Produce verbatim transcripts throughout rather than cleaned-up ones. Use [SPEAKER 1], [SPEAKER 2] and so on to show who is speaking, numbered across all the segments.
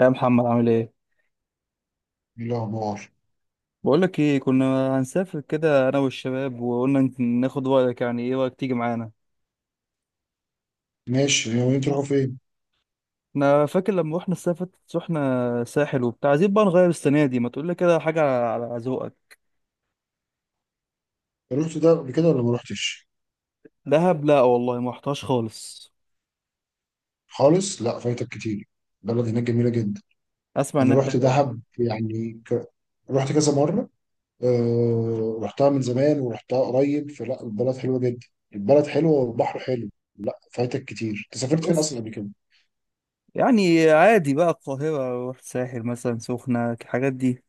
[SPEAKER 1] يا محمد، عامل ايه؟
[SPEAKER 2] إيه الأخبار.
[SPEAKER 1] بقول لك ايه، كنا هنسافر كده انا والشباب، وقلنا نت- ناخد رايك، يعني ايه رايك تيجي معانا؟
[SPEAKER 2] ماشي يومين، تروحوا فين؟
[SPEAKER 1] انا فاكر لما رحنا السافت، رحنا ساحل وبتاع. عايزين بقى نغير السنه دي، ما تقول لي كده حاجه على على ذوقك.
[SPEAKER 2] رحت ده قبل كده ولا ما رحتش؟
[SPEAKER 1] دهب؟ لا والله ما رحتهاش خالص.
[SPEAKER 2] خالص؟ لا فايتك كتير. بلد هناك جميلة جدا.
[SPEAKER 1] اسمع
[SPEAKER 2] أنا
[SPEAKER 1] انها
[SPEAKER 2] رحت
[SPEAKER 1] حلوه.
[SPEAKER 2] دهب يعني ك... رحت كذا مرة. أه... رحتها من زمان ورحتها قريب، فلا البلد حلوة جدا. البلد حلوة والبحر حلو. لا فايتك كتير، أنت سافرت فين
[SPEAKER 1] بس
[SPEAKER 2] أصلا قبل كده؟
[SPEAKER 1] يعني عادي بقى، القاهره، رحت ساحل، مثلا سخنه، الحاجات دي.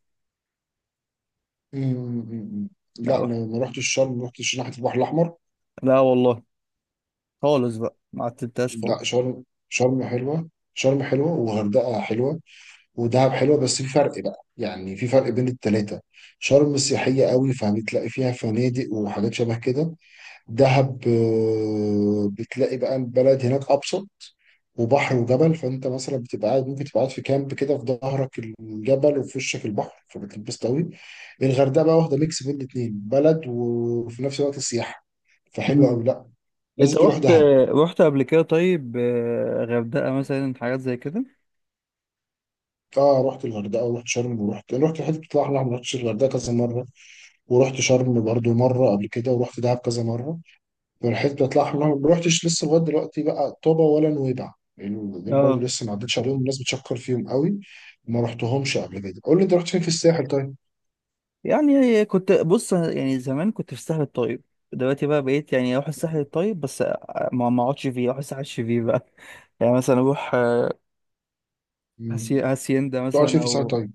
[SPEAKER 2] أمم.
[SPEAKER 1] لا،
[SPEAKER 2] لا،
[SPEAKER 1] رحت.
[SPEAKER 2] ما ما رحتش شرم، ما رحتش ناحية البحر الأحمر.
[SPEAKER 1] لا والله، خالص بقى، ما عتبتهاش
[SPEAKER 2] لا
[SPEAKER 1] خالص.
[SPEAKER 2] شرم، شرم حلوة، شرم حلوة وغردقة حلوة ودهب حلوه، بس في فرق بقى، يعني في فرق بين التلاته. شرم سياحيه قوي، فبتلاقي فيها فنادق وحاجات شبه كده. دهب آه، بتلاقي بقى البلد هناك ابسط، وبحر وجبل، فانت مثلا بتبقى قاعد، ممكن تبقى قاعد في كامب كده، في ظهرك الجبل وفي وشك البحر، فبتلبس قوي. الغردقه بقى واخده ميكس بين الاتنين، بلد وفي نفس الوقت سياحه، فحلوه
[SPEAKER 1] مم.
[SPEAKER 2] قوي. لا،
[SPEAKER 1] انت
[SPEAKER 2] لازم تروح
[SPEAKER 1] رحت
[SPEAKER 2] دهب.
[SPEAKER 1] رحت قبل كده؟ طيب، آه، غردقه مثلا، حاجات زي كده؟
[SPEAKER 2] اه رحت الغردقه ورحت شرم ورحت رحت الحته بتطلع احلى، ما رحتش الغردقه كذا مره، ورحت شرم برضو مرة قبل كده، ورحت دهب كذا مرة. فالحتة بتاعت الأحمر ما رحتش لسه لغاية دلوقتي بقى، طابة ولا نويبع يعني، دول برضو
[SPEAKER 1] اه،
[SPEAKER 2] لسه ما عدتش عليهم، الناس بتشكر فيهم قوي. ما رحتهمش قبل كده. قول لي، أنت رحت فين في الساحل طيب؟
[SPEAKER 1] يعني كنت بص، يعني زمان كنت في الساحل الطيب. دلوقتي بقى بقيت يعني اروح الساحل الطيب، بس ما ما اقعدش فيه، اروح الساحل الشرير بقى. يعني مثلا اروح، آه، هاسي-
[SPEAKER 2] مم.
[SPEAKER 1] هاسيندا
[SPEAKER 2] تقعد فين
[SPEAKER 1] مثلا،
[SPEAKER 2] في الساحل
[SPEAKER 1] او.
[SPEAKER 2] طيب؟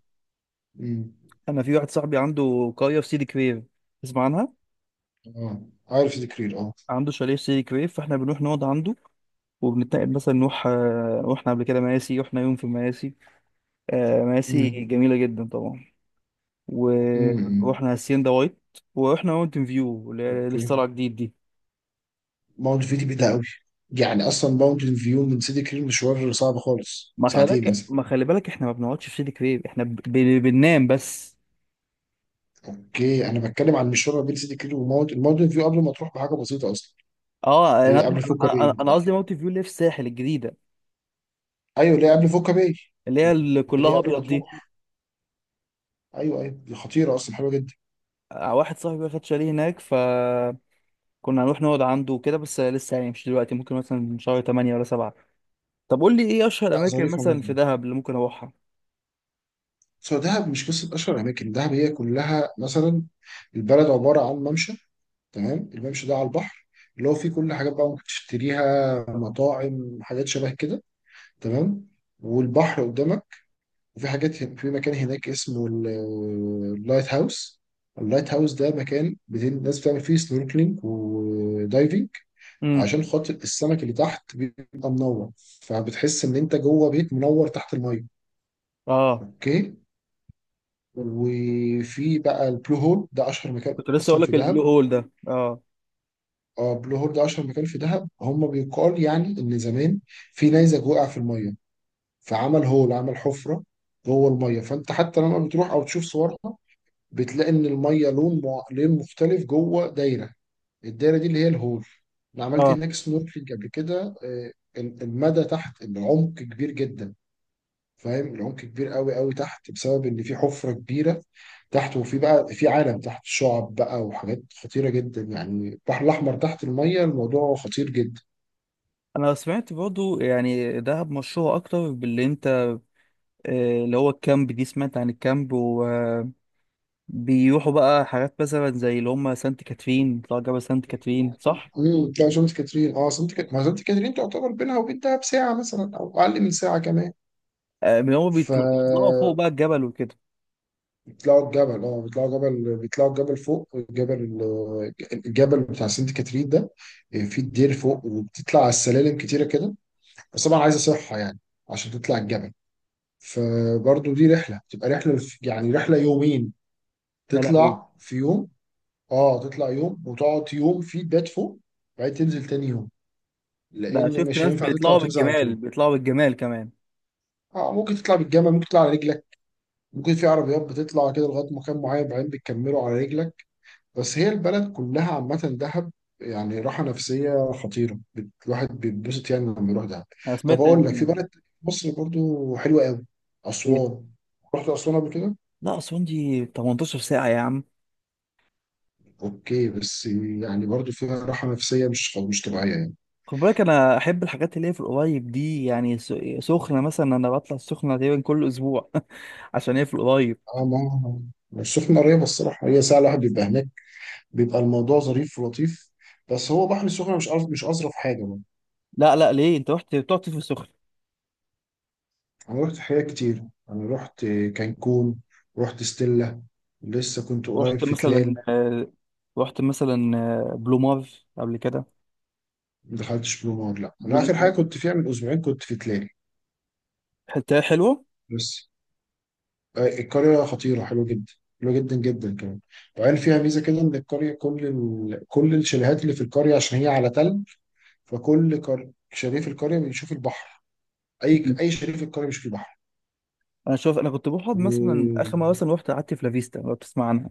[SPEAKER 2] مم.
[SPEAKER 1] انا في واحد صاحبي عنده قريه في سيدي كرير، تسمع عنها؟
[SPEAKER 2] اه، عارف ذكرير اه.
[SPEAKER 1] عنده شاليه في سيدي كرير، فاحنا بنروح نقعد عنده، وبنتنقل مثلا نروح، آه، رحنا قبل كده مراسي، رحنا يوم في مراسي. آه، مراسي
[SPEAKER 2] مم.
[SPEAKER 1] جميله جدا طبعا.
[SPEAKER 2] مم.
[SPEAKER 1] ورحنا هاسيندا وايت، ورحنا ماونتن فيو اللي هي لسه
[SPEAKER 2] اوكي.
[SPEAKER 1] طالعه جديد دي.
[SPEAKER 2] ماونت فيو دي بعيدة قوي، يعني أصلا ماونت فيو من سيدي كرير مشوار صعب خالص،
[SPEAKER 1] ما خلي
[SPEAKER 2] ساعتين
[SPEAKER 1] بالك
[SPEAKER 2] مثلا.
[SPEAKER 1] ما خلي بالك احنا ما بنقعدش في سيدي كرير، احنا ب... ب... بننام بس.
[SPEAKER 2] اوكي، انا بتكلم عن المشوار ما بين سيدي كرير وماونت الماونت فيو قبل ما تروح بحاجه بسيطه اصلا.
[SPEAKER 1] اه، انا
[SPEAKER 2] هي
[SPEAKER 1] قصدي-
[SPEAKER 2] قبل فوكا باي
[SPEAKER 1] انا أنا
[SPEAKER 2] متهيألي.
[SPEAKER 1] قصدي ماونتن فيو اللي في الساحل الجديده،
[SPEAKER 2] ايوه اللي هي قبل فوكا باي،
[SPEAKER 1] اللي هي اللي
[SPEAKER 2] اللي هي
[SPEAKER 1] كلها
[SPEAKER 2] قبل ما
[SPEAKER 1] ابيض دي.
[SPEAKER 2] تروح. ايوه ايوه، دي خطيره اصلا، حلوه جدا.
[SPEAKER 1] آه، واحد صاحبي واخد شاليه هناك، فكنا هنروح نقعد عنده وكده، بس لسه يعني مش دلوقتي، ممكن مثلا شهر تمانية ولا سبعة. طب قول لي ايه اشهر
[SPEAKER 2] لا
[SPEAKER 1] اماكن
[SPEAKER 2] ظريفه
[SPEAKER 1] مثلا في
[SPEAKER 2] ممكن.
[SPEAKER 1] دهب اللي ممكن اروحها؟
[SPEAKER 2] سو دهب مش قصه اشهر اماكن، دهب هي كلها مثلا. البلد عباره عن ممشى، تمام، الممشى ده على البحر، اللي هو فيه كل حاجات بقى ممكن تشتريها، مطاعم، حاجات شبه كده، تمام، والبحر قدامك. وفي حاجات هن- في مكان هناك اسمه ال- اللايت هاوس. اللايت هاوس ده مكان بت- الناس بتعمل فيه سنوركلينج ودايفنج،
[SPEAKER 1] امم.
[SPEAKER 2] عشان خاطر السمك اللي تحت بيبقى منور، فبتحس ان انت جوه بيت منور تحت الميه.
[SPEAKER 1] اه،
[SPEAKER 2] اوكي. وفي بقى البلو هول ده، اشهر مكان
[SPEAKER 1] كنت لسه
[SPEAKER 2] اصلا
[SPEAKER 1] اقول
[SPEAKER 2] في
[SPEAKER 1] لك البلو
[SPEAKER 2] دهب.
[SPEAKER 1] هول ده، اه.
[SPEAKER 2] اه بلو هول ده اشهر مكان في دهب. هم بيقال يعني ان زمان في نيزك وقع في الميه، فعمل هول، عمل حفره جوه الميه، فانت حتى لما بتروح او تشوف صورها بتلاقي ان الميه لون مع... لون مختلف جوه دايره، الدايره دي اللي هي الهول. انا عملت
[SPEAKER 1] اه،
[SPEAKER 2] هناك سنوركلينج قبل كده، آه، المدى تحت العمق كبير جدا. فاهم، العمق كبير قوي قوي تحت، بسبب ان في حفره كبيره تحت، وفي بقى في عالم تحت، شعب بقى وحاجات خطيره جدا، يعني البحر الاحمر تحت الميه الموضوع خطير جدا.
[SPEAKER 1] انا سمعت برضو يعني دهب مشهوره اكتر باللي انت، آه، اللي هو الكامب، دي سمعت عن الكامب، و بيروحوا بقى حاجات مثلا زي اللي هم سانت كاترين، بيطلعوا جبل سانت كاترين، صح؟
[SPEAKER 2] امم. لا سانت كاترين اه، سانت كاترين، ما سانت كاترين تعتبر بينها وبين دهب ساعه مثلا او اقل من ساعه كمان.
[SPEAKER 1] آه، من هم
[SPEAKER 2] ف
[SPEAKER 1] بيطل- بيطلعوا فوق بقى الجبل وكده.
[SPEAKER 2] بيطلعوا الجبل، اه بيطلعوا جبل، بيطلعوا الجبل فوق الجبل، الجبل بتاع سانت كاترين ده، آه، في الدير فوق، وبتطلع على السلالم كتيره كده، بس طبعا عايزه صحه يعني عشان تطلع الجبل، فبرضه دي رحله، تبقى رحله في- يعني رحله يومين،
[SPEAKER 1] يا لهوي.
[SPEAKER 2] تطلع في يوم، اه تطلع يوم وتقعد يوم فيه، تبات فوق، بعدين تنزل تاني يوم،
[SPEAKER 1] ده
[SPEAKER 2] لان
[SPEAKER 1] شفت
[SPEAKER 2] مش
[SPEAKER 1] ناس
[SPEAKER 2] هينفع تطلع
[SPEAKER 1] بيطلعوا
[SPEAKER 2] وتنزل على
[SPEAKER 1] بالجمال،
[SPEAKER 2] طول.
[SPEAKER 1] بيطلعوا بالجمال كمان.
[SPEAKER 2] اه ممكن تطلع بالجمل، ممكن تطلع على رجلك، ممكن في عربيات بتطلع كده لغايه مكان معين بعدين بتكمله على رجلك. بس هي البلد كلها عامه دهب، يعني راحه نفسيه خطيره، بت- الواحد بيتبسط يعني لما يروح دهب.
[SPEAKER 1] انا
[SPEAKER 2] طب
[SPEAKER 1] سمعت
[SPEAKER 2] اقول لك، في
[SPEAKER 1] إن-.
[SPEAKER 2] بلد في مصر برضو حلوه قوي،
[SPEAKER 1] إيه؟
[SPEAKER 2] اسوان. رحت اسوان قبل كده؟
[SPEAKER 1] لا اصلا دي 18 ساعة يا عم.
[SPEAKER 2] اوكي بس، يعني برضو فيها راحه نفسيه مش مش طبيعيه يعني.
[SPEAKER 1] خد بالك، انا احب الحاجات اللي هي في القريب دي، يعني س- سخنة مثلا، انا بطلع السخنة تقريبا كل اسبوع عشان هي في القريب.
[SPEAKER 2] اه، ما ما السخنه قريبه الصراحه، هي ساعه الواحد بيبقى هناك، بيبقى الموضوع ظريف ولطيف، بس هو بحر السخنه مش أظ- مش اظرف حاجه بقى.
[SPEAKER 1] لا لا، ليه؟ انت رحت بتقعد في السخنة؟
[SPEAKER 2] انا رحت حاجات كتير، انا رحت كانكون، رحت ستيلا، لسه كنت قريب
[SPEAKER 1] رحت
[SPEAKER 2] في
[SPEAKER 1] مثلا
[SPEAKER 2] تلال.
[SPEAKER 1] آه، رحت مثلا آه، بلومار قبل كده.
[SPEAKER 2] ما دخلتش بلو مار، لا انا اخر حاجه كنت فيها من اسبوعين كنت في تلال.
[SPEAKER 1] حتة حلوة.
[SPEAKER 2] بس آه، القريه خطيره، حلوه جدا، حلوه جدا جدا كمان. وقال فيها ميزه كده، ان القريه، كل ال... كل الشاليهات اللي في القريه عشان هي على تل، فكل قر... شريف القرية بيشوف البحر، أي
[SPEAKER 1] مم.
[SPEAKER 2] أي شريف القرية بيشوف البحر.
[SPEAKER 1] انا شوف انا كنت بقعد مثلا اخر مره،
[SPEAKER 2] ودافيستا
[SPEAKER 1] مثلا رحت قعدت في لافيستا، لو بتسمع عنها.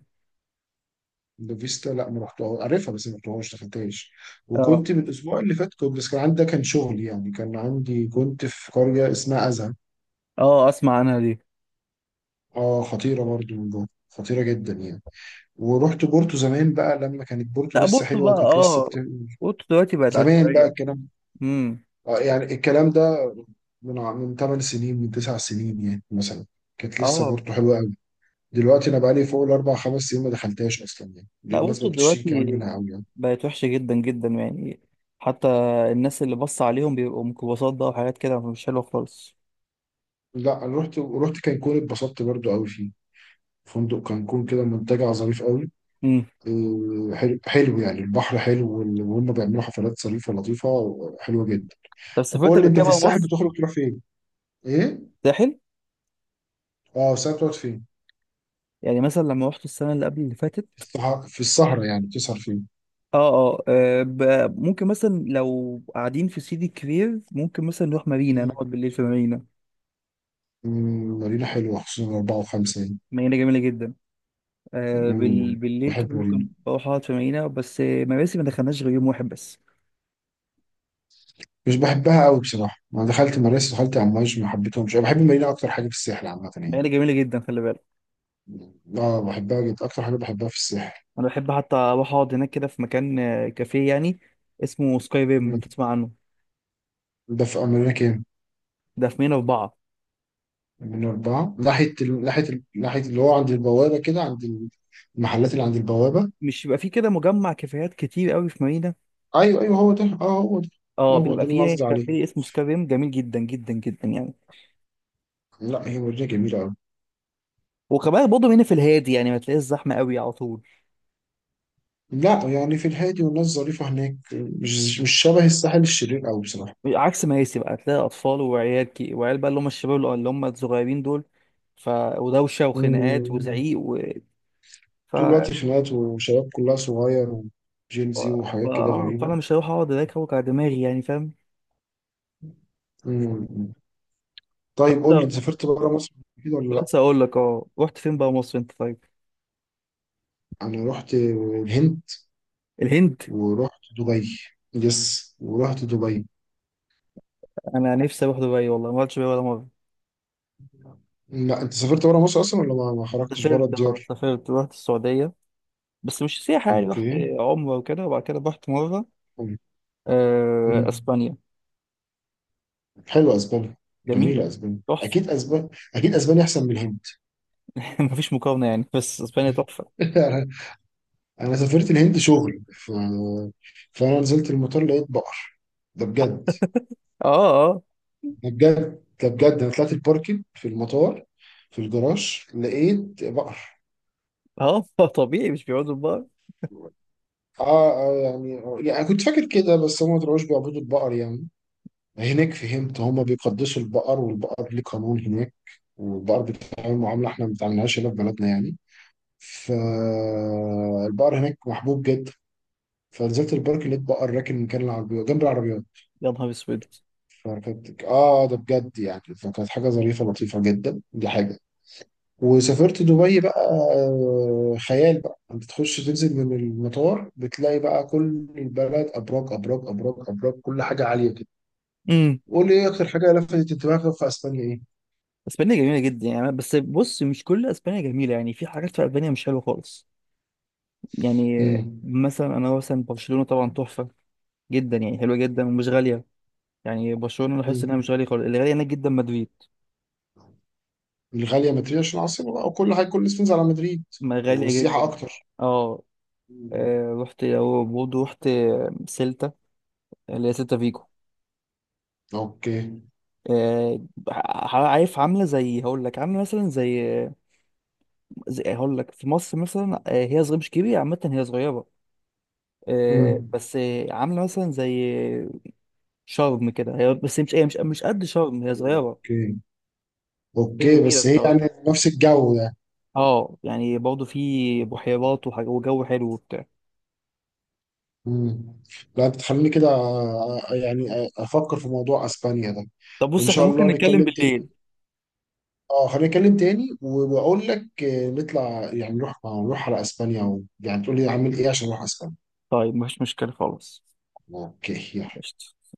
[SPEAKER 2] لا ما رحتها، عارفها بس ما رحتهاش، دخلتهاش.
[SPEAKER 1] اه.
[SPEAKER 2] وكنت من الأسبوع اللي فات كنت، بس كان عندي ده كان شغل يعني، كان عندي كنت في قرية اسمها أزهى.
[SPEAKER 1] اه، اسمع عنها دي.
[SPEAKER 2] اه خطيرة برضو، من جوه خطيرة جدا يعني. ورحت بورتو زمان بقى لما كانت بورتو
[SPEAKER 1] لا
[SPEAKER 2] لسه
[SPEAKER 1] بورتو
[SPEAKER 2] حلوة،
[SPEAKER 1] بقى،
[SPEAKER 2] وكانت لسه بت...
[SPEAKER 1] اه، بورتو دلوقتي بقت
[SPEAKER 2] زمان بقى
[SPEAKER 1] عشوائيه.
[SPEAKER 2] الكلام.
[SPEAKER 1] امم.
[SPEAKER 2] آه، يعني الكلام ده من ع- من تمن سنين، من تسع سنين يعني مثلا، كانت لسه
[SPEAKER 1] اه،
[SPEAKER 2] بورتو حلوة. دلوقتي انا بقالي فوق الاربع خمس سنين ما دخلتهاش اصلا يعني، دي
[SPEAKER 1] لا
[SPEAKER 2] الناس
[SPEAKER 1] بورتو
[SPEAKER 2] ما بتشتكي كمان
[SPEAKER 1] دلوقتي
[SPEAKER 2] منها قوي يعني.
[SPEAKER 1] بقت وحشه جدا جدا يعني. حتى الناس اللي بص عليهم بيبقوا ميكروباصات بقى وحاجات كده، مش حلوه خالص.
[SPEAKER 2] لا انا رحت رحت كانكون، اتبسطت برضو قوي فيه. فندق كانكون كده منتجع ظريف قوي،
[SPEAKER 1] امم.
[SPEAKER 2] آه، حلو حلو، يعني البحر حلو وال- وهم بيعملوا حفلات ظريفه لطيفه، حلوه جدا.
[SPEAKER 1] طب
[SPEAKER 2] طب
[SPEAKER 1] سافرت
[SPEAKER 2] قول لي،
[SPEAKER 1] قبل
[SPEAKER 2] انت
[SPEAKER 1] كده
[SPEAKER 2] في
[SPEAKER 1] بقى
[SPEAKER 2] الساحل
[SPEAKER 1] مصر؟
[SPEAKER 2] بتخرج تروح فين؟ ايه؟
[SPEAKER 1] ساحل.
[SPEAKER 2] اه الساحل بتقعد فين؟
[SPEAKER 1] يعني مثلا لما رحت السنه اللي قبل اللي
[SPEAKER 2] في
[SPEAKER 1] فاتت.
[SPEAKER 2] الصح- في السهره، يعني بتسهر فين؟
[SPEAKER 1] اه. اه، آه، ب- ممكن مثلا لو قاعدين في سيدي كرير، ممكن مثلا نروح مارينا،
[SPEAKER 2] مم.
[SPEAKER 1] نقعد بالليل في مارينا.
[SPEAKER 2] مم، مارينا حلوه خصوصا اربعه وخمسه يعني.
[SPEAKER 1] مارينا جميلة جدا. آه بال...
[SPEAKER 2] مم،
[SPEAKER 1] بالليل كده
[SPEAKER 2] بحب مارينا.
[SPEAKER 1] ممكن بروح اقعد في مارينا، بس آه، مراسي ما دخلناش غير يوم واحد بس.
[SPEAKER 2] مش بحبها قوي بصراحه، انا دخلت مراسي، دخلت امواج ما حبيتهمش، انا بحب المارينا اكتر حاجه في الساحل عامه يعني.
[SPEAKER 1] مارينا جميلة جدا، خلي بالك.
[SPEAKER 2] اه بحبها جدا، اكتر حاجه بحبها في الساحل.
[SPEAKER 1] انا بحب حتى اروح اقعد هناك كده في مكان، آه، كافيه يعني، اسمه سكاي ريم،
[SPEAKER 2] مم.
[SPEAKER 1] بتسمع عنه؟
[SPEAKER 2] ده في امريكا كام؟
[SPEAKER 1] ده في مارينا أربعة.
[SPEAKER 2] من اربعه ناحيه ال... ناحيه ال... ناحيه اللي هو عند البوابه كده، عند المحلات اللي عند البوابه.
[SPEAKER 1] مش بيبقى فيه كده مجمع كافيهات كتير قوي في مارينا؟
[SPEAKER 2] ايوه ايوه هو ده، اه هو ده.
[SPEAKER 1] اه،
[SPEAKER 2] هو ده
[SPEAKER 1] بيبقى
[SPEAKER 2] اللي انا
[SPEAKER 1] فيه
[SPEAKER 2] قصدي عليه.
[SPEAKER 1] كافيه اسمه سكاي ريم، جميل جدا جدا جدا يعني.
[SPEAKER 2] لا هي مدينه جميله قوي.
[SPEAKER 1] وكمان برضه هنا في الهادي، يعني ما تلاقيش زحمة قوي على طول.
[SPEAKER 2] لا يعني في الهادي، والناس ظريفه هناك، مش مش شبه الساحل الشرير قوي بصراحه.
[SPEAKER 1] عكس مياسي بقى، تلاقي اطفال وعيال كي، وعيال بقى اللي هم الشباب اللي اللي هم الصغيرين دول. ف ودوشه وخناقات
[SPEAKER 2] مم.
[SPEAKER 1] وزعيق و... ف
[SPEAKER 2] طول الوقت
[SPEAKER 1] ف
[SPEAKER 2] خناقات، وشباب كلها صغير، وجين زي وحاجات كده
[SPEAKER 1] اه،
[SPEAKER 2] غريبة.
[SPEAKER 1] فانا مش هروح اقعد هناك اوجع دماغي، يعني فاهم.
[SPEAKER 2] مم. طيب قول لي،
[SPEAKER 1] لسه.
[SPEAKER 2] انت سافرت بره مصر كده ولا لا؟
[SPEAKER 1] لسه، اقول لك، اه رحت فين بقى مصر انت طيب؟
[SPEAKER 2] انا رحت الهند،
[SPEAKER 1] الهند.
[SPEAKER 2] ورحت دبي، يس ورحت دبي.
[SPEAKER 1] انا نفسي اروح دبي، والله ما رحتش دبي ولا مره.
[SPEAKER 2] لا انت سافرت بره مصر اصلا ولا ما ما خرجتش بره
[SPEAKER 1] سافرت اه
[SPEAKER 2] الديار؟
[SPEAKER 1] سافرت رحت السعوديه، بس مش سياحه يعني، رحت
[SPEAKER 2] اوكي.
[SPEAKER 1] عمره وكده، وبعد كده رحت مره آه،
[SPEAKER 2] مم.
[SPEAKER 1] اسبانيا.
[SPEAKER 2] حلوه اسبانيا،
[SPEAKER 1] جميله.
[SPEAKER 2] جميله اسبانيا،
[SPEAKER 1] تحفه.
[SPEAKER 2] اكيد اسبانيا، اكيد اسبانيا احسن من الهند.
[SPEAKER 1] مفيش مقارنه يعني، بس اسبانيا تحفه.
[SPEAKER 2] انا سافرت الهند شغل، ف... فانا نزلت المطار لقيت بقر، ده بجد،
[SPEAKER 1] اه اه
[SPEAKER 2] ده بجد، ده بجد. انا طلعت الباركينج في المطار، في الجراج لقيت بقر.
[SPEAKER 1] اه طبيعي مش بيقعدوا بقى.
[SPEAKER 2] اه آه، يعني يعني كنت فاكر كده، بس هم ما طلعوش بيعبدوا البقر يعني، هناك فهمت هم بيقدسوا البقر، والبقر ليه قانون هناك، والبقر بيتعامل معاملة احنا ما بنتعاملهاش هنا في بلدنا يعني. فالبقر هناك محبوب جدا. فنزلت البارك لقيت بقر راكن مكان العربية جنب العربيات.
[SPEAKER 1] يا نهار اسود.
[SPEAKER 2] فكانت، اه ده بجد يعني، فكانت حاجة ظريفة لطيفة جدا، دي حاجة. وسافرت دبي بقى، آه، خيال بقى، بتخش تنزل من المطار بتلاقي بقى كل البلد ابراج ابراج ابراج ابراج، كل حاجه عاليه كده.
[SPEAKER 1] امم.
[SPEAKER 2] قول لي ايه اكتر حاجه لفتت انتباهك في اسبانيا، ايه؟
[SPEAKER 1] اسبانيا جميله جدا يعني، بس بص مش كل اسبانيا جميله يعني، في حاجات في اسبانيا مش حلوه خالص. يعني،
[SPEAKER 2] امم.
[SPEAKER 1] مثلا انا، مثلا برشلونه طبعا تحفه جدا يعني، حلوه جدا ومش غاليه. يعني برشلونه لاحظت
[SPEAKER 2] امم،
[SPEAKER 1] انها مش غاليه خالص، اللي غاليه هناك جدا مدريد،
[SPEAKER 2] الغاليه مدريد عشان العاصمه بقى، وكل حاجه كل الناس بتنزل على مدريد،
[SPEAKER 1] ما غاليه
[SPEAKER 2] والسياحه
[SPEAKER 1] جدا.
[SPEAKER 2] اكتر.
[SPEAKER 1] اه.
[SPEAKER 2] مم.
[SPEAKER 1] آه، رحت، او برضه رحت سيلتا، اللي هي سيلتا فيجو.
[SPEAKER 2] اوكي.
[SPEAKER 1] آه، ع- عارف عامله زي هقول لك، عامله مثلا زي، زي هقول لك في مصر مثلا. آه، هي صغيره مش كبيره عامه، هي صغيره. آه،
[SPEAKER 2] امم.
[SPEAKER 1] بس آه، عامله مثلا زي شرم كده، هي بس مش هي مش مش قد شرم، هي صغيره،
[SPEAKER 2] اوكي.
[SPEAKER 1] بس هي
[SPEAKER 2] اوكي
[SPEAKER 1] جميله
[SPEAKER 2] بس هي
[SPEAKER 1] الصراحه.
[SPEAKER 2] يعني نفس الجو يعني.
[SPEAKER 1] اه يعني برضه في بحيرات وحاجة- وجو حلو وبتاع.
[SPEAKER 2] مم. لا بتخليني كده آه، آه، يعني آه، افكر في موضوع اسبانيا ده.
[SPEAKER 1] طب
[SPEAKER 2] ان
[SPEAKER 1] بص احنا
[SPEAKER 2] شاء
[SPEAKER 1] ممكن
[SPEAKER 2] الله
[SPEAKER 1] نتكلم
[SPEAKER 2] نتكلم تاني.
[SPEAKER 1] بالليل.
[SPEAKER 2] اه خلينا نتكلم تاني، وبقول لك آه، نطلع يعني نروح نروح على اسبانيا و... يعني تقول لي اعمل ايه عشان اروح اسبانيا.
[SPEAKER 1] طيب مفيش مشكله خالص.
[SPEAKER 2] اوكي يلا.
[SPEAKER 1] قشطة.